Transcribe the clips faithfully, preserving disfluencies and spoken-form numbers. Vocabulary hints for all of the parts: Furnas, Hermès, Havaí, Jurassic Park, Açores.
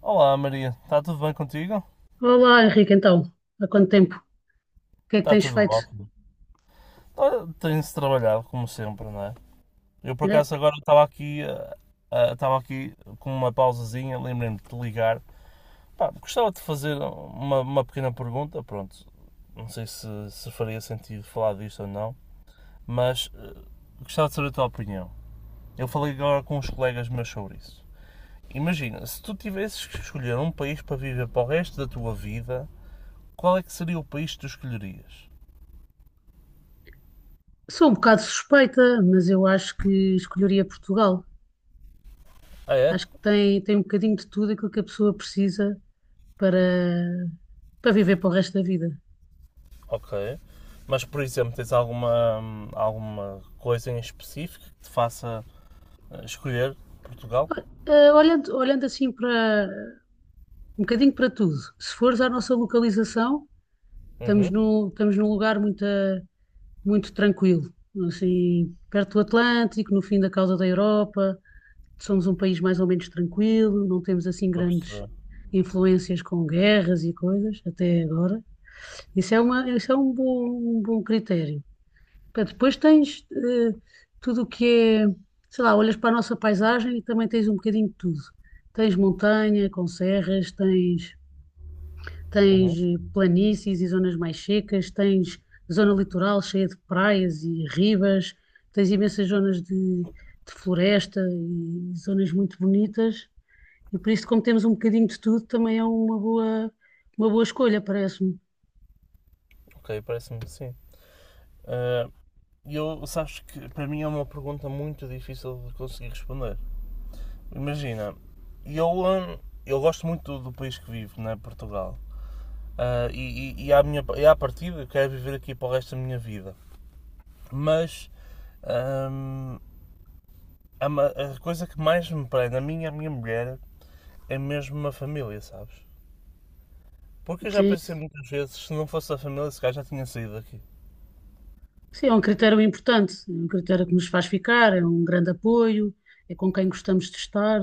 Olá Maria, está tudo bem contigo? Olá, Henrique, então, há quanto tempo? O que é que Está tens tudo feito? ótimo. Olha, tem-se trabalhado como sempre, não é? Eu por É, acaso agora estava aqui, ah, ah, estava aqui com uma pausazinha, lembrei-me de te ligar. Pá, gostava de fazer uma, uma pequena pergunta, pronto, não sei se, se faria sentido falar disto ou não, mas ah, gostava de saber a tua opinião. Eu falei agora com uns colegas meus sobre isso. Imagina, se tu tivesses que escolher um país para viver para o resto da tua vida, qual é que seria o país que tu escolherias? sou um bocado suspeita, mas eu acho que escolheria Portugal. Ah é? Acho que tem, tem um bocadinho de tudo aquilo que a pessoa precisa para, para viver para o resto da vida. Ok. Mas, por exemplo, tens alguma, alguma coisa em específico que te faça eh, escolher Portugal? Eh, Olhando, olhando assim para um bocadinho para tudo, se fores à nossa localização, estamos Uhum. no estamos num lugar muito, eh, muito tranquilo, assim, perto do Atlântico, no fim da causa da Europa, somos um país mais ou menos tranquilo, não temos assim Estou a grandes perceber. influências com guerras e coisas, até agora. Isso é uma, isso é um bom, um bom critério. Pá, depois tens eh, tudo o que é, sei lá, olhas para a nossa paisagem e também tens um bocadinho de tudo. Tens montanha com serras, tens, Uhum. tens eh, planícies e zonas mais secas, tens zona litoral cheia de praias e ribas, tens imensas zonas de, de floresta e zonas muito bonitas. E por isso, como temos um bocadinho de tudo, também é uma boa, uma boa escolha, parece-me. Ok, parece-me que sim. Eh, eu, sabes que para mim é uma pergunta muito difícil de conseguir responder. Imagina, eu, hum, eu gosto muito do, do país que vivo, né, Portugal. Ah, e, e, e, à minha, e à partida eu quero viver aqui para o resto da minha vida. Mas hum, a, a coisa que mais me prende a mim e a minha mulher é mesmo uma família, sabes? Porque eu já Sim, pensei muitas vezes, se não fosse a família, esse gajo já tinha saído daqui. sim, é um critério importante, é um critério que nos faz ficar, é um grande apoio, é com quem gostamos de estar,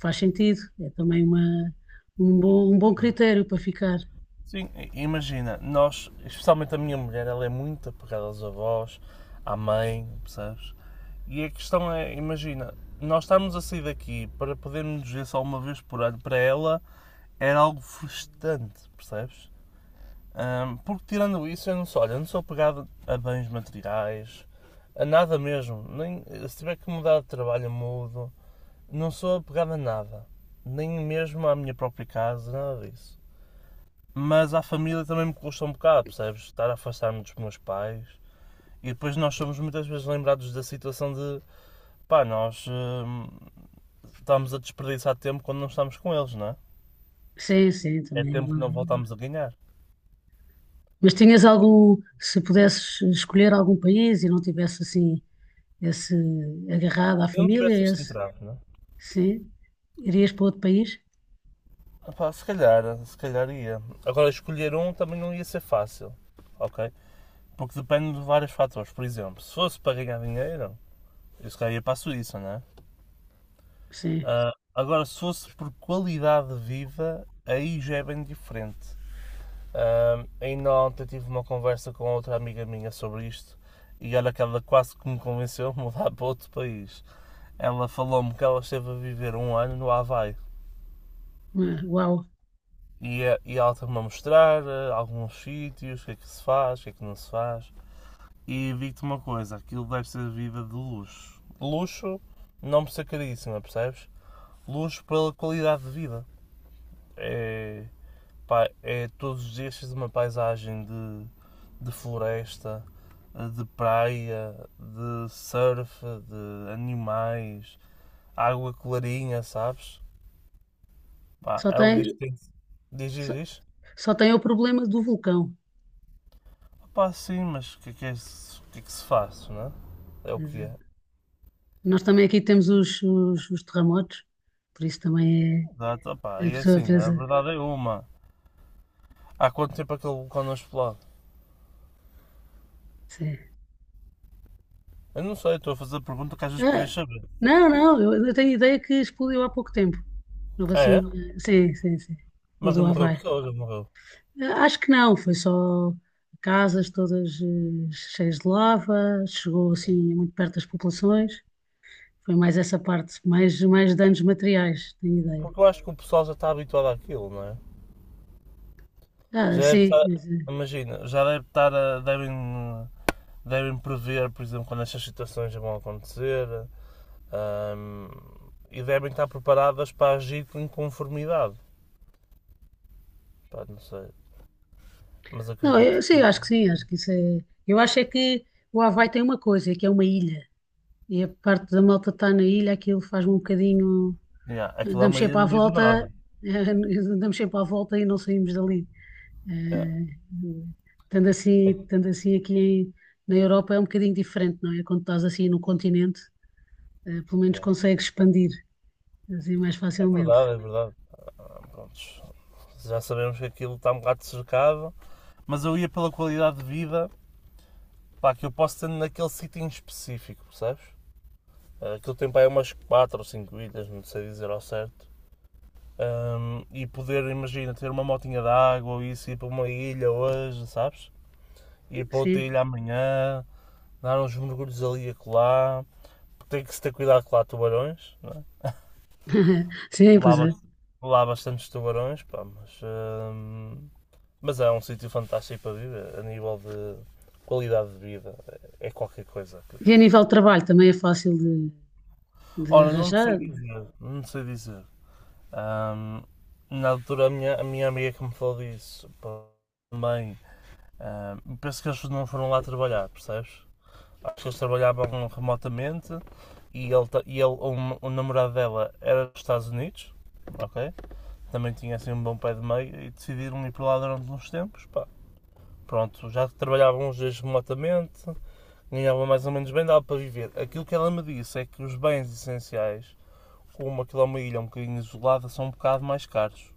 faz sentido, é também uma, um bom, um bom critério para ficar. Sim, imagina, nós, especialmente a minha mulher, ela é muito apegada aos avós, à mãe, percebes? E a questão é, imagina, nós estarmos a sair daqui para podermos nos ver só uma vez por ano, para ela era algo frustrante, percebes? Ahm, porque tirando isso, eu não sou, olha, eu não sou apegado a bens materiais, a nada mesmo. Nem, se tiver que mudar de trabalho, eu mudo. Não sou apegado a nada. Nem mesmo à minha própria casa, nada disso. Mas à família também me custa um bocado, percebes? Estar a afastar-me dos meus pais. E depois nós somos muitas vezes lembrados da situação de pá, nós hum, estamos a desperdiçar tempo quando não estamos com eles, não é? Sim, sim, É também é tempo que uma. não voltamos a ganhar. Mas tinhas algum, se pudesses escolher algum país e não tivesse assim esse agarrado à Se eu não tivesse família, este esse, entrave, não é? sim, irias para outro país? Ah pá, se calhar, se calhar ia. Agora, escolher um também não ia ser fácil, ok? Porque depende de vários fatores. Por exemplo, se fosse para ganhar dinheiro, eu se calhar ia para a Suíça, não é? Sim. Ah, agora, se fosse por qualidade de vida, aí já é bem diferente. Ah, ainda ontem tive uma conversa com outra amiga minha sobre isto e olha que ela quase que me convenceu a mudar para outro país. Ela falou-me que ela esteve a viver um ano no Havaí Uau. e, eh, e ela estava-me a mostrar eh, alguns sítios, o que é que se faz, o que é que não se faz. E digo-te uma coisa, aquilo deve ser vida de luxo. Luxo não por ser caríssima, percebes? Luxo pela qualidade de vida. É, pá, é todos os dias uma paisagem de, de floresta, eh, de praia, de surf, de animais, água clarinha, sabes? Pá, Só ela tem, diz que tem que- Diz, diz, diz. Só tem o problema do vulcão. Pá, sim, mas o que, é que é se- o que é que se faz, não é? É Quer o que dizer, é. nós também aqui temos os, os, os terremotos, por isso também Exato, é. pá, A e é pessoa assim, a pensa. verdade é uma. Há quanto tempo aquele vulcão não explode? Sim. Eu não sei, estou a fazer a pergunta que às vezes Ah, podias saber. não, não, eu, eu tenho ideia que explodiu há pouco tempo. Houve Ah, assim é? uma. Sim, sim, sim. O Mas do não morreu Havaí. pessoas, não morreu. Ah, acho que não, foi só casas todas eh, cheias de lava, chegou assim muito perto das populações. Foi mais essa parte, mais, mais danos materiais, tenho ideia. Porque eu acho que o pessoal já está habituado àquilo, não é? Ah, Já deve sim, estar, imagina, já deve estar a, devem, devem prever, por exemplo, quando estas situações já vão acontecer, ahm, e devem estar preparadas para agir com conformidade. Pá, não sei, mas Não, acredito eu, sim, que eu acho que sim, acho que isso é. Eu acho é que o Havaí tem uma coisa, é que é uma ilha. E a parte da malta está na ilha, aquilo faz-me um bocadinho. yeah, aquilo é Damos uma ilha sempre à no meio do nada. volta, eh, damos sempre à volta e não saímos dali. Yeah, Eh, Estando assim, é, estando assim aqui em- na Europa é um bocadinho diferente, não é? Quando estás assim no continente, eh, pelo menos yeah. consegues expandir assim mais É facilmente. verdade, é verdade. Ah, prontos. Já sabemos que aquilo está um bocado cercado, mas eu ia pela qualidade de vida pá, que eu posso ter naquele sítio em específico, percebes? Ah, aquilo tem para aí umas quatro ou cinco ilhas, não sei dizer ao certo. Ahm, e poder, imagina, ter uma motinha de água ou isso, ir para uma ilha hoje, sabes? Ir para outra Sim, ilha amanhã, dar uns mergulhos ali e acolá. Tem que se ter cuidado com lá tubarões, não é? sim, Lá, pois é. bas- lá bastantes tubarões, pá, mas, ahm, mas é um sítio fantástico para viver, a nível de qualidade de vida, é é qualquer coisa. Aquilo. E a nível de trabalho também é fácil de, de Ora, não arranjar. sei dizer, não sei dizer. Ahm, na altura, a minha, a minha amiga que me falou disso pá, também. ahm, penso que eles não foram lá trabalhar, percebes? Acho que eles trabalhavam remotamente e, ele, e ele, o, o namorado dela era dos Estados Unidos, ok? Também tinha assim um bom pé de meio e decidiram ir para lá durante uns tempos, pá. Pronto, já trabalhavam uns dias remotamente, ganhavam mais ou menos bem, dava para viver. Aquilo que ela me disse é que os bens essenciais, como aquilo é uma ilha um bocadinho isolada, são um bocado mais caros.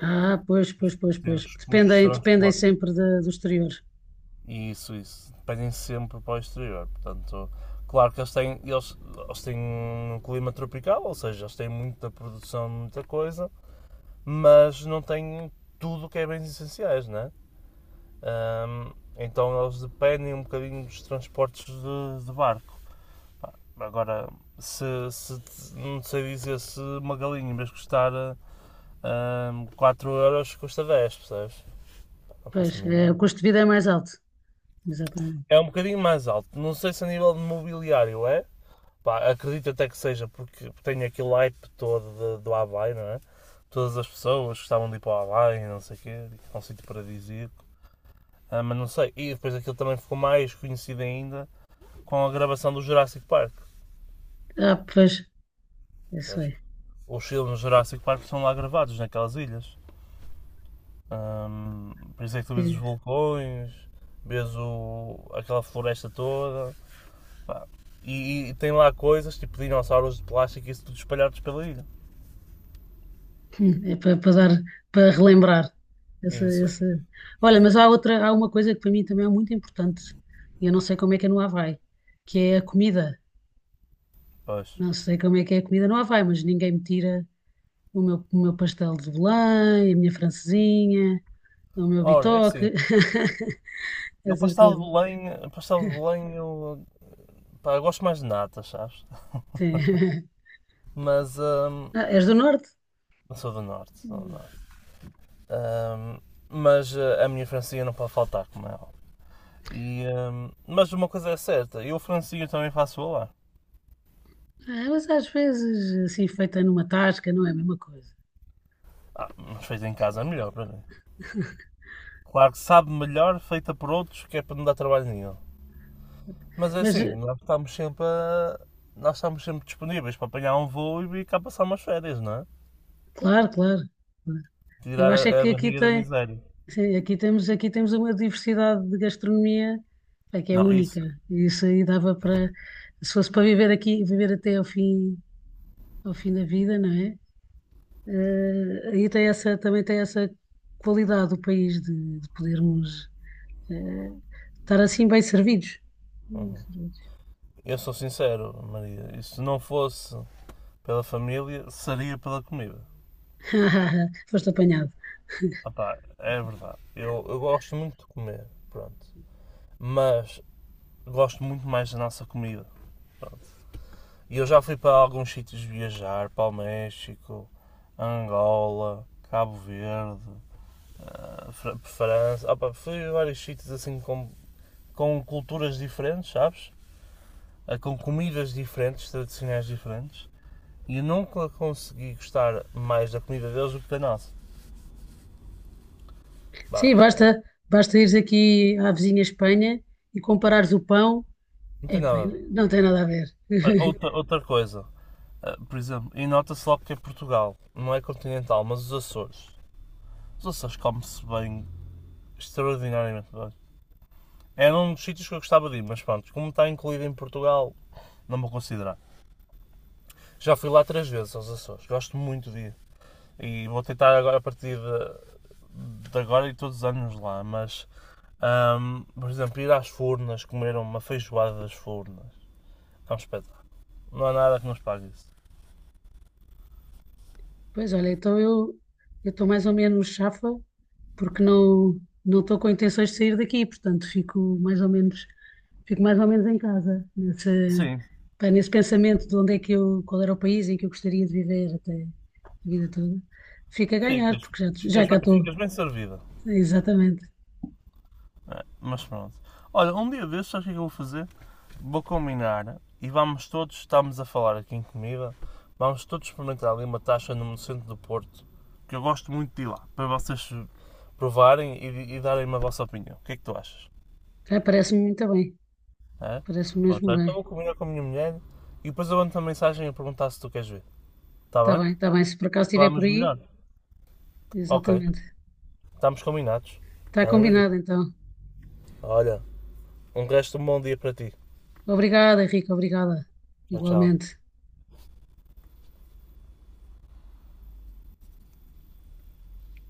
Ah, pois, pois, pois, Ter pois. os custos de Dependem, dependem transporte sempre da- do exterior. e isso, isso, dependem sempre para o exterior. Portanto, claro que eles têm, eles, eles têm um clima tropical, ou seja, eles têm muita produção de muita coisa, mas não têm tudo que é bens essenciais, né? Hum, então eles dependem um bocadinho dos transportes de, de barco. Agora, se, se não sei dizer se uma galinha, em vez de custar hum, quatro euros, custa dez, percebes? Não Pois, faço a é, o mínima. custo de vida é mais alto. Exatamente. É um bocadinho mais alto. Não sei se a nível de mobiliário é. Pá, acredito até que seja porque tem aquele hype todo de- do Havaí, não é? Todas as pessoas gostavam de ir para o Havaí, não sei o quê, é um sítio paradisíaco. Ah, mas não sei. E depois aquilo também ficou mais conhecido ainda com a gravação do Jurassic Park. Ah, pois, é isso Sabes? é. Os filmes do Jurassic Park são lá gravados, naquelas ilhas. Ahm, por isso é que tu vês os É, vulcões, vês o, aquela floresta toda. Pá. E, e tem lá coisas tipo dinossauros de plástico e isso tudo espalhados pela ilha. hum, é para, para dar, para relembrar. Essa, Isso, essa... Olha, mas há outra, há uma coisa que para mim também é muito importante, e eu não sei como é que é no Havaí, que é a comida. pois. Não sei como é que é a comida no Havaí, mas ninguém me tira o meu, o meu pastel de Belém, a minha francesinha, o meu Ora, é assim. bitoque, Eu essas pastel de coisas. Belém, pastel de Belém eu, pá, eu gosto mais de nata, sabes? Sim. Mas hum, Ah, és do norte? eu sou do norte, sou do norte. Hum, mas eh, a minha francinha não pode faltar, como é óbvio. E, hum, mas uma coisa é certa, eu francinha também faço lá. Ah, mas às vezes, assim, feita numa tasca, não é a mesma coisa. Ah, mas feita em casa é melhor para mim. Claro que sabe melhor feita por outros, que é para não dar trabalho nenhum. Mas é Mas, assim, eh, nós estamos sempre a- nós estamos sempre disponíveis para apanhar um voo e vir cá passar umas férias, não é? claro, claro. Claro. Eu Tirar acho é a, a que aqui barriga da tem, miséria. sim, aqui temos, aqui temos uma diversidade de gastronomia, é que é Não, isso. única. E isso aí dava para, se fosse para viver aqui, viver até ao fim, ao fim da vida, não é? Eh, aí tem essa, também tem essa qualidade do país de, de podermos, eh, estar assim bem servidos. Bem Uhum. servidos. Eu sou sincero, Maria. Isso não fosse pela família, seria pela comida. Foste apanhado. Opá, é verdade. Eu, eu gosto muito de comer, pronto. Mas gosto muito mais da nossa comida. Pronto. E eu já fui para alguns sítios viajar, para o México, Angola, Cabo Verde, para Fra- para França, opa, fui a vários sítios assim com, com culturas diferentes, sabes? Ah, com comidas diferentes, tradicionais diferentes. E eu nunca consegui gostar mais da comida deles do que da nossa. Pá, Sim, basta, eh, basta ires aqui à vizinha Espanha e comparares o pão. não tem Epá, nada a ver. não tem nada a ver. Outra, outra coisa, ah, por exemplo, e nota-se logo que é Portugal, não é continental, mas os Açores. Os Açores come-se bem, extraordinariamente bem. Era um dos sítios que eu gostava de ir, mas pronto, como está incluído em Portugal, não vou considerar. Já fui lá três vezes aos Açores, gosto muito de ir. E vou tentar agora a partir de, de agora e todos os anos lá, mas hum, por exemplo, ir às Furnas, comer uma feijoada das Furnas. É um espetáculo. Não há nada que nos pague isso. Pois olha, então eu eu estou mais ou menos chafa porque não não estou com intenções de sair daqui, portanto fico mais ou menos fico mais ou menos em casa nesse Sim. pá, nesse pensamento de onde é que eu qual era o país em que eu gostaria de viver até a vida toda. Fico a ganhar Ficas, porque já já ficas, cá estou. ficas bem servida. Exatamente. É, mas pronto. Olha, um dia destes, sabes o que é que eu vou fazer? Vou combinar e vamos todos, estamos a falar aqui em comida, vamos todos experimentar ali uma taxa no centro do Porto, que eu gosto muito de ir lá, para vocês provarem e, e darem-me a vossa opinião. O que é que tu achas? Ah, parece-me muito bem. É? Parece-me Pronto, mesmo olha, então bem. vou combinar com a minha mulher e depois eu mando-te uma mensagem a perguntar se tu queres ver. Está Está bem? bem, está bem. Se por acaso estiver por Falamos aí, melhor. Ok, exatamente. estamos combinados. Está Está bem, meu Maria? combinado, então. Olha, um resto de um bom dia para ti. Obrigada, Henrique, obrigada. Tchau, tchau. Igualmente.